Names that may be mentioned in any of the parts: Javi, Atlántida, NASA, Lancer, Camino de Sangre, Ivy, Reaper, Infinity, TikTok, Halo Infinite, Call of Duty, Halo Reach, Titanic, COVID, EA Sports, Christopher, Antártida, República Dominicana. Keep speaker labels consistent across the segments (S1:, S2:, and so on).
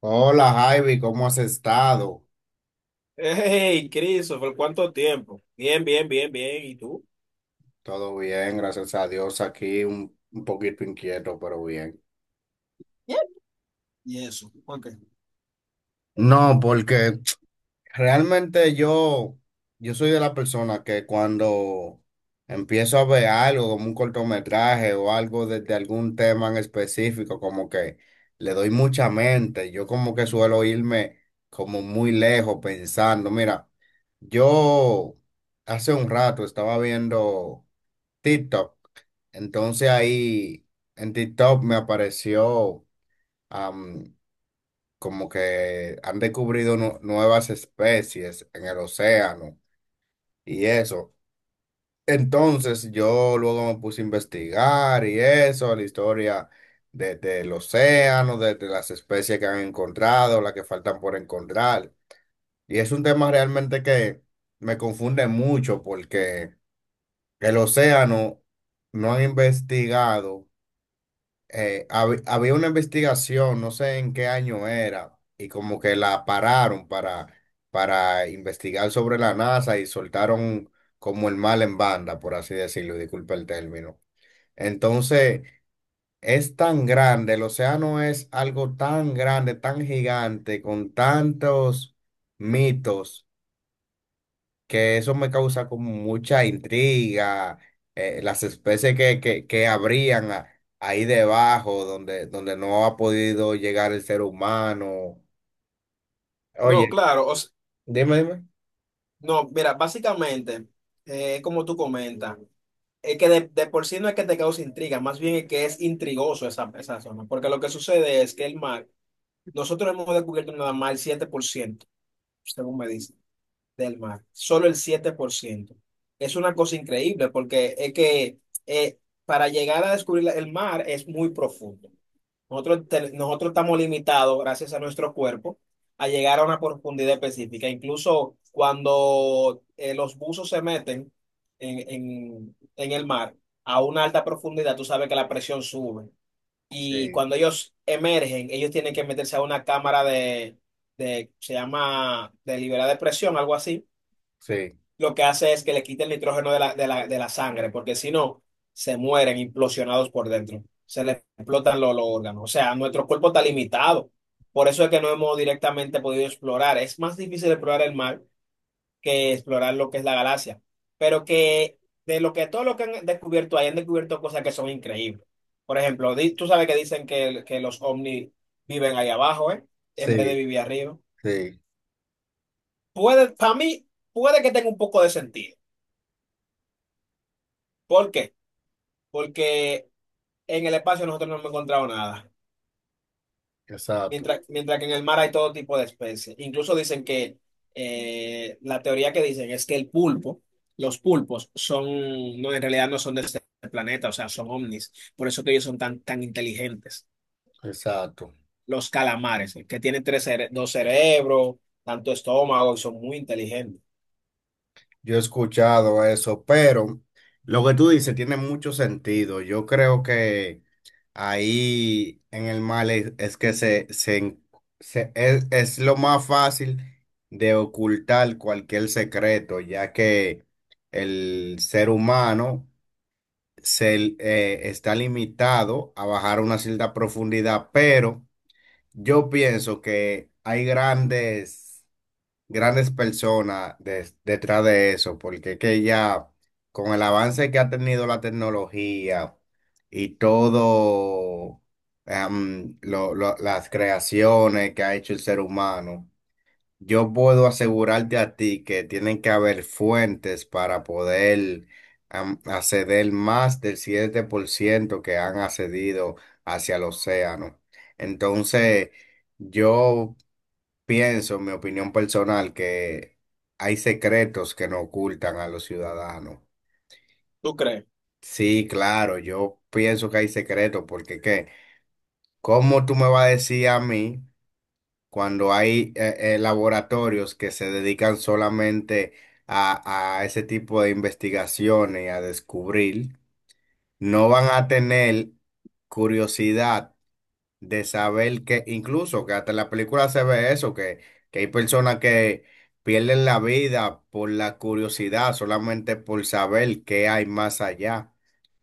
S1: Hola Javi, ¿cómo has estado?
S2: Hey, Christopher, ¿cuánto tiempo? Bien, bien, bien, bien. ¿Y tú?
S1: Todo bien, gracias a Dios. Aquí un poquito inquieto, pero bien. No, porque realmente yo soy de la persona que cuando empiezo a ver algo como un cortometraje o algo desde algún tema en específico, como que le doy mucha mente. Yo como que suelo irme como muy lejos pensando. Mira, yo hace un rato estaba viendo TikTok. Entonces ahí en TikTok me apareció como que han descubrido nuevas especies en el océano y eso. Entonces yo luego me puse a investigar y eso, la historia del océano, de las especies que han encontrado, las que faltan por encontrar. Y es un tema realmente que me confunde mucho porque el océano no han investigado, había una investigación, no sé en qué año era, y como que la pararon para investigar sobre la NASA y soltaron como el mal en banda, por así decirlo, y disculpe el término. Entonces, es tan grande, el océano es algo tan grande, tan gigante, con tantos mitos, que eso me causa como mucha intriga, las especies que habrían ahí debajo, donde, donde no ha podido llegar el ser humano.
S2: No,
S1: Oye,
S2: claro,
S1: dime, dime.
S2: no, mira, básicamente, como tú comentas, es que de por sí no es que te cause intriga, más bien es que es intrigoso esa zona, porque lo que sucede es que el mar, nosotros hemos descubierto nada más el 7%, según me dicen, del mar, solo el 7%. Es una cosa increíble, porque es que eh, para llegar a descubrir el mar es muy profundo. Nosotros estamos limitados, gracias a nuestro cuerpo, a llegar a una profundidad específica. Incluso cuando los buzos se meten en el mar a una alta profundidad, tú sabes que la presión sube. Y
S1: Sí,
S2: cuando ellos emergen, ellos tienen que meterse a una cámara de, se llama, de liberar de presión, algo así
S1: sí.
S2: lo que hace es que le quita el nitrógeno de la sangre, porque si no, se mueren implosionados por dentro, se les explotan los órganos. O sea, nuestro cuerpo está limitado. Por eso es que no hemos directamente podido explorar. Es más difícil explorar el mar que explorar lo que es la galaxia. Pero que de lo que todo lo que han descubierto ahí, han descubierto cosas que son increíbles. Por ejemplo, tú sabes que dicen que los ovnis viven ahí abajo, ¿eh? En vez de
S1: Sí,
S2: vivir arriba.
S1: sí,
S2: Puede, para mí, puede que tenga un poco de sentido. ¿Por qué? Porque en el espacio nosotros no hemos encontrado nada,
S1: exacto,
S2: mientras que en el mar hay todo tipo de especies. Incluso dicen que la teoría que dicen es que el pulpo, los pulpos son, no, en realidad no son de este planeta, o sea, son ovnis, por eso que ellos son tan, tan inteligentes.
S1: exacto.
S2: Los calamares, que tienen dos cerebros, tanto estómago, y son muy inteligentes.
S1: Yo he escuchado eso, pero lo que tú dices tiene mucho sentido. Yo creo que... Ahí en el mal es que se en- se- es lo más fácil de ocultar cualquier secreto, ya que el ser humano está limitado a bajar una cierta profundidad, pero yo pienso que hay grandes personas detrás de eso, porque es que ya con el avance que ha tenido la tecnología y todo, las creaciones que ha hecho el ser humano, yo puedo asegurarte a ti que tienen que haber fuentes para poder acceder más del 7% que han accedido hacia el océano. Entonces, yo pienso, en mi opinión personal, que hay secretos que no ocultan a los ciudadanos.
S2: ¿Tú crees?
S1: Sí, claro, yo pienso que hay secretos, porque ¿qué? ¿Cómo tú me vas a decir a mí cuando hay laboratorios que se dedican solamente a ese tipo de investigaciones y a descubrir, no van a tener curiosidad de saber que, incluso que hasta en la película se ve eso, que hay personas que pierden la vida por la curiosidad, solamente por saber qué hay más allá?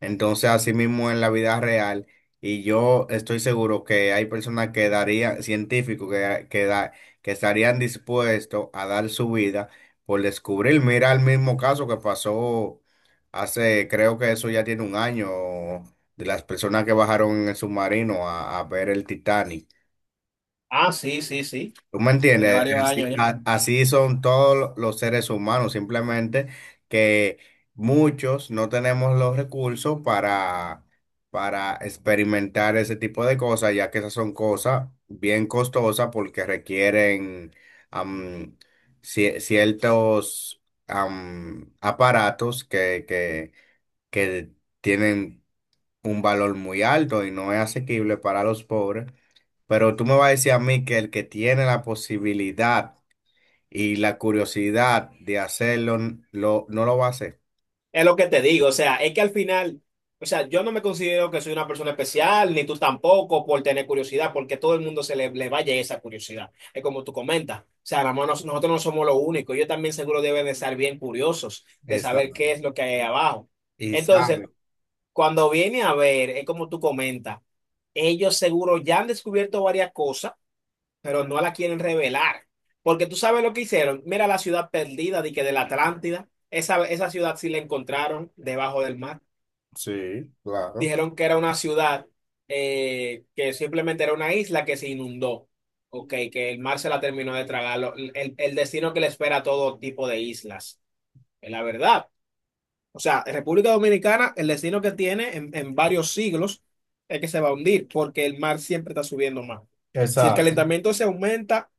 S1: Entonces, así mismo en la vida real, y yo estoy seguro que hay personas que darían, científicos que estarían dispuestos a dar su vida por descubrir. Mira el mismo caso que pasó hace, creo que eso ya tiene un año, de las personas que bajaron en el submarino a ver el Titanic.
S2: Ah, sí, sí, sí.
S1: Tú me
S2: Tiene
S1: entiendes,
S2: varios
S1: así,
S2: años ya.
S1: así son todos los seres humanos, simplemente que muchos no tenemos los recursos para experimentar ese tipo de cosas, ya que esas son cosas bien costosas porque requieren am, ciertos aparatos que tienen un valor muy alto y no es asequible para los pobres, pero tú me vas a decir a mí que el que tiene la posibilidad y la curiosidad de hacerlo, no lo va a hacer.
S2: Es lo que te digo, o sea, es que al final, o sea, yo no me considero que soy una persona especial, ni tú tampoco, por tener curiosidad, porque todo el mundo se le vaya esa curiosidad. Es como tú comentas, o sea, nada más nosotros no somos los únicos, ellos también seguro deben de estar bien curiosos de saber qué
S1: Exacto.
S2: es lo que hay ahí abajo.
S1: Y
S2: Entonces,
S1: sabe.
S2: cuando viene a ver, es como tú comentas, ellos seguro ya han descubierto varias cosas pero no la quieren revelar. Porque tú sabes lo que hicieron. Mira la ciudad perdida de que de la Atlántida. Esa ciudad sí la encontraron debajo del mar.
S1: Sí, claro.
S2: Dijeron que era una ciudad que simplemente era una isla que se inundó. Ok, que el mar se la terminó de tragar. El destino que le espera a todo tipo de islas. Es la verdad. O sea, en República Dominicana, el destino que tiene en varios siglos es que se va a hundir porque el mar siempre está subiendo más. Si el
S1: Exacto.
S2: calentamiento se aumenta,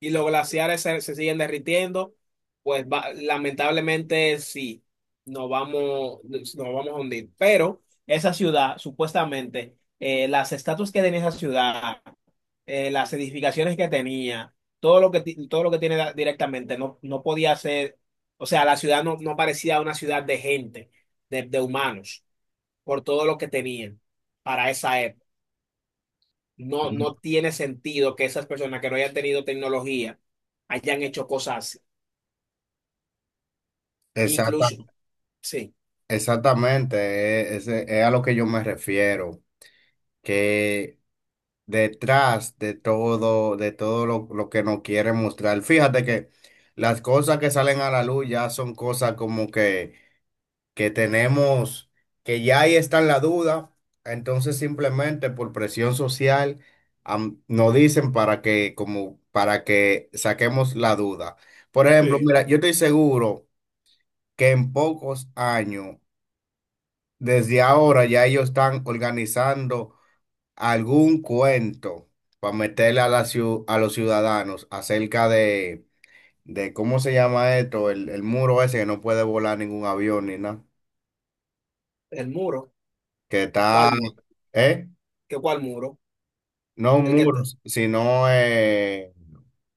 S2: y los glaciares se siguen derritiendo, pues lamentablemente sí, nos vamos a hundir. Pero esa ciudad, supuestamente, las estatuas que tenía esa ciudad, las edificaciones que tenía, todo lo que, todo lo que tiene directamente, no, no podía ser, o sea, la ciudad no parecía una ciudad de gente, de humanos, por todo lo que tenían para esa época. No, no tiene sentido que esas personas que no hayan tenido tecnología hayan hecho cosas así.
S1: Exacta-
S2: Incluso, sí,
S1: exactamente, es a lo que yo me refiero, que detrás de todo lo que nos quieren mostrar, fíjate que las cosas que salen a la luz ya son cosas como que tenemos, que ya ahí está en la duda, entonces simplemente por presión social nos dicen para que, como, para que saquemos la duda. Por ejemplo,
S2: sí,
S1: mira, yo estoy seguro que en pocos años, desde ahora, ya ellos están organizando algún cuento para meterle a, a los ciudadanos acerca de cómo se llama esto, el muro ese que no puede volar ningún avión ni nada,
S2: el muro.
S1: que está,
S2: ¿Cuál muro?
S1: ¿eh?
S2: ¿Qué cuál muro?
S1: No un
S2: El que,
S1: muro, sino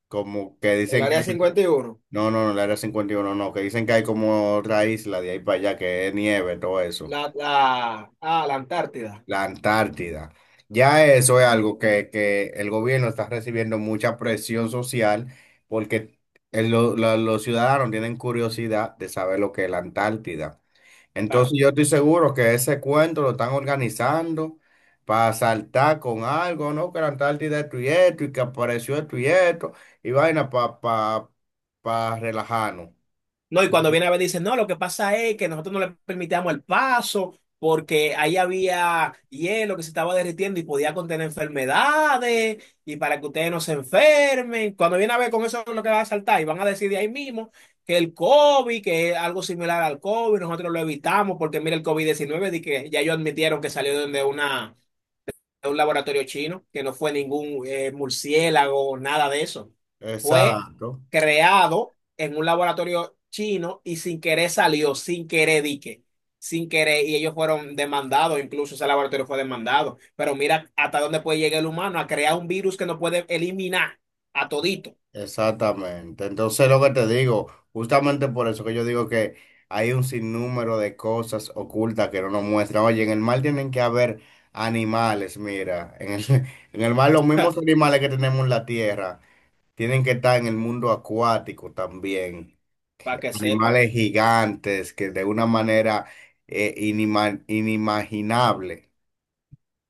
S1: como que
S2: el
S1: dicen que
S2: área
S1: hay,
S2: 51
S1: no, no, no, la área 51, no, no, que dicen que hay como otra isla de ahí para allá que es nieve, todo eso,
S2: la Antártida.
S1: la Antártida. Ya eso es algo que el gobierno está recibiendo mucha presión social porque los ciudadanos tienen curiosidad de saber lo que es la Antártida.
S2: Claro.
S1: Entonces yo estoy seguro que ese cuento lo están organizando para saltar con algo, ¿no? Que la Antártida esto y esto, y que apareció esto y esto, y vaina para pa, pa pa relajarnos.
S2: No, y cuando viene a ver, dicen, no, lo que pasa es que nosotros no le permitíamos el paso porque ahí había hielo que se estaba derritiendo y podía contener enfermedades y para que ustedes no se enfermen. Cuando viene a ver con eso es lo que va a saltar y van a decir de ahí mismo que el COVID, que es algo similar al COVID, nosotros lo evitamos porque mira el COVID-19 di que ya ellos admitieron que salió de una un laboratorio chino, que no fue ningún murciélago, nada de eso. Fue
S1: Exacto,
S2: creado en un laboratorio chino y sin querer salió, sin querer dique, sin querer, y ellos fueron demandados, incluso ese laboratorio fue demandado. Pero mira hasta dónde puede llegar el humano a crear un virus que no puede eliminar a todito,
S1: exactamente. Entonces lo que te digo, justamente por eso que yo digo que hay un sinnúmero de cosas ocultas que no nos muestran. Oye, en el mar tienen que haber animales, mira, en el, en el mar los mismos animales que tenemos en la tierra. Tienen que estar en el mundo acuático también.
S2: para que sepa.
S1: Animales gigantes que de una manera inimaginable.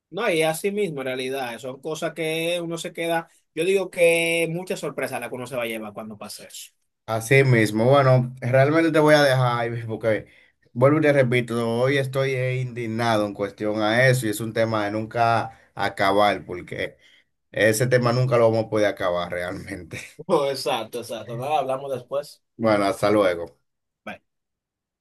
S2: No, y así mismo, en realidad, son cosas que uno se queda. Yo digo que muchas sorpresas la que uno se va a llevar cuando pase eso.
S1: Así mismo, bueno, realmente te voy a dejar, Ivy, porque vuelvo y te repito, hoy estoy indignado en cuestión a eso y es un tema de nunca acabar, porque ese tema nunca lo vamos a poder acabar realmente.
S2: Oh, exacto, exacto. Nada, hablamos después.
S1: Bueno, hasta luego.
S2: Bye.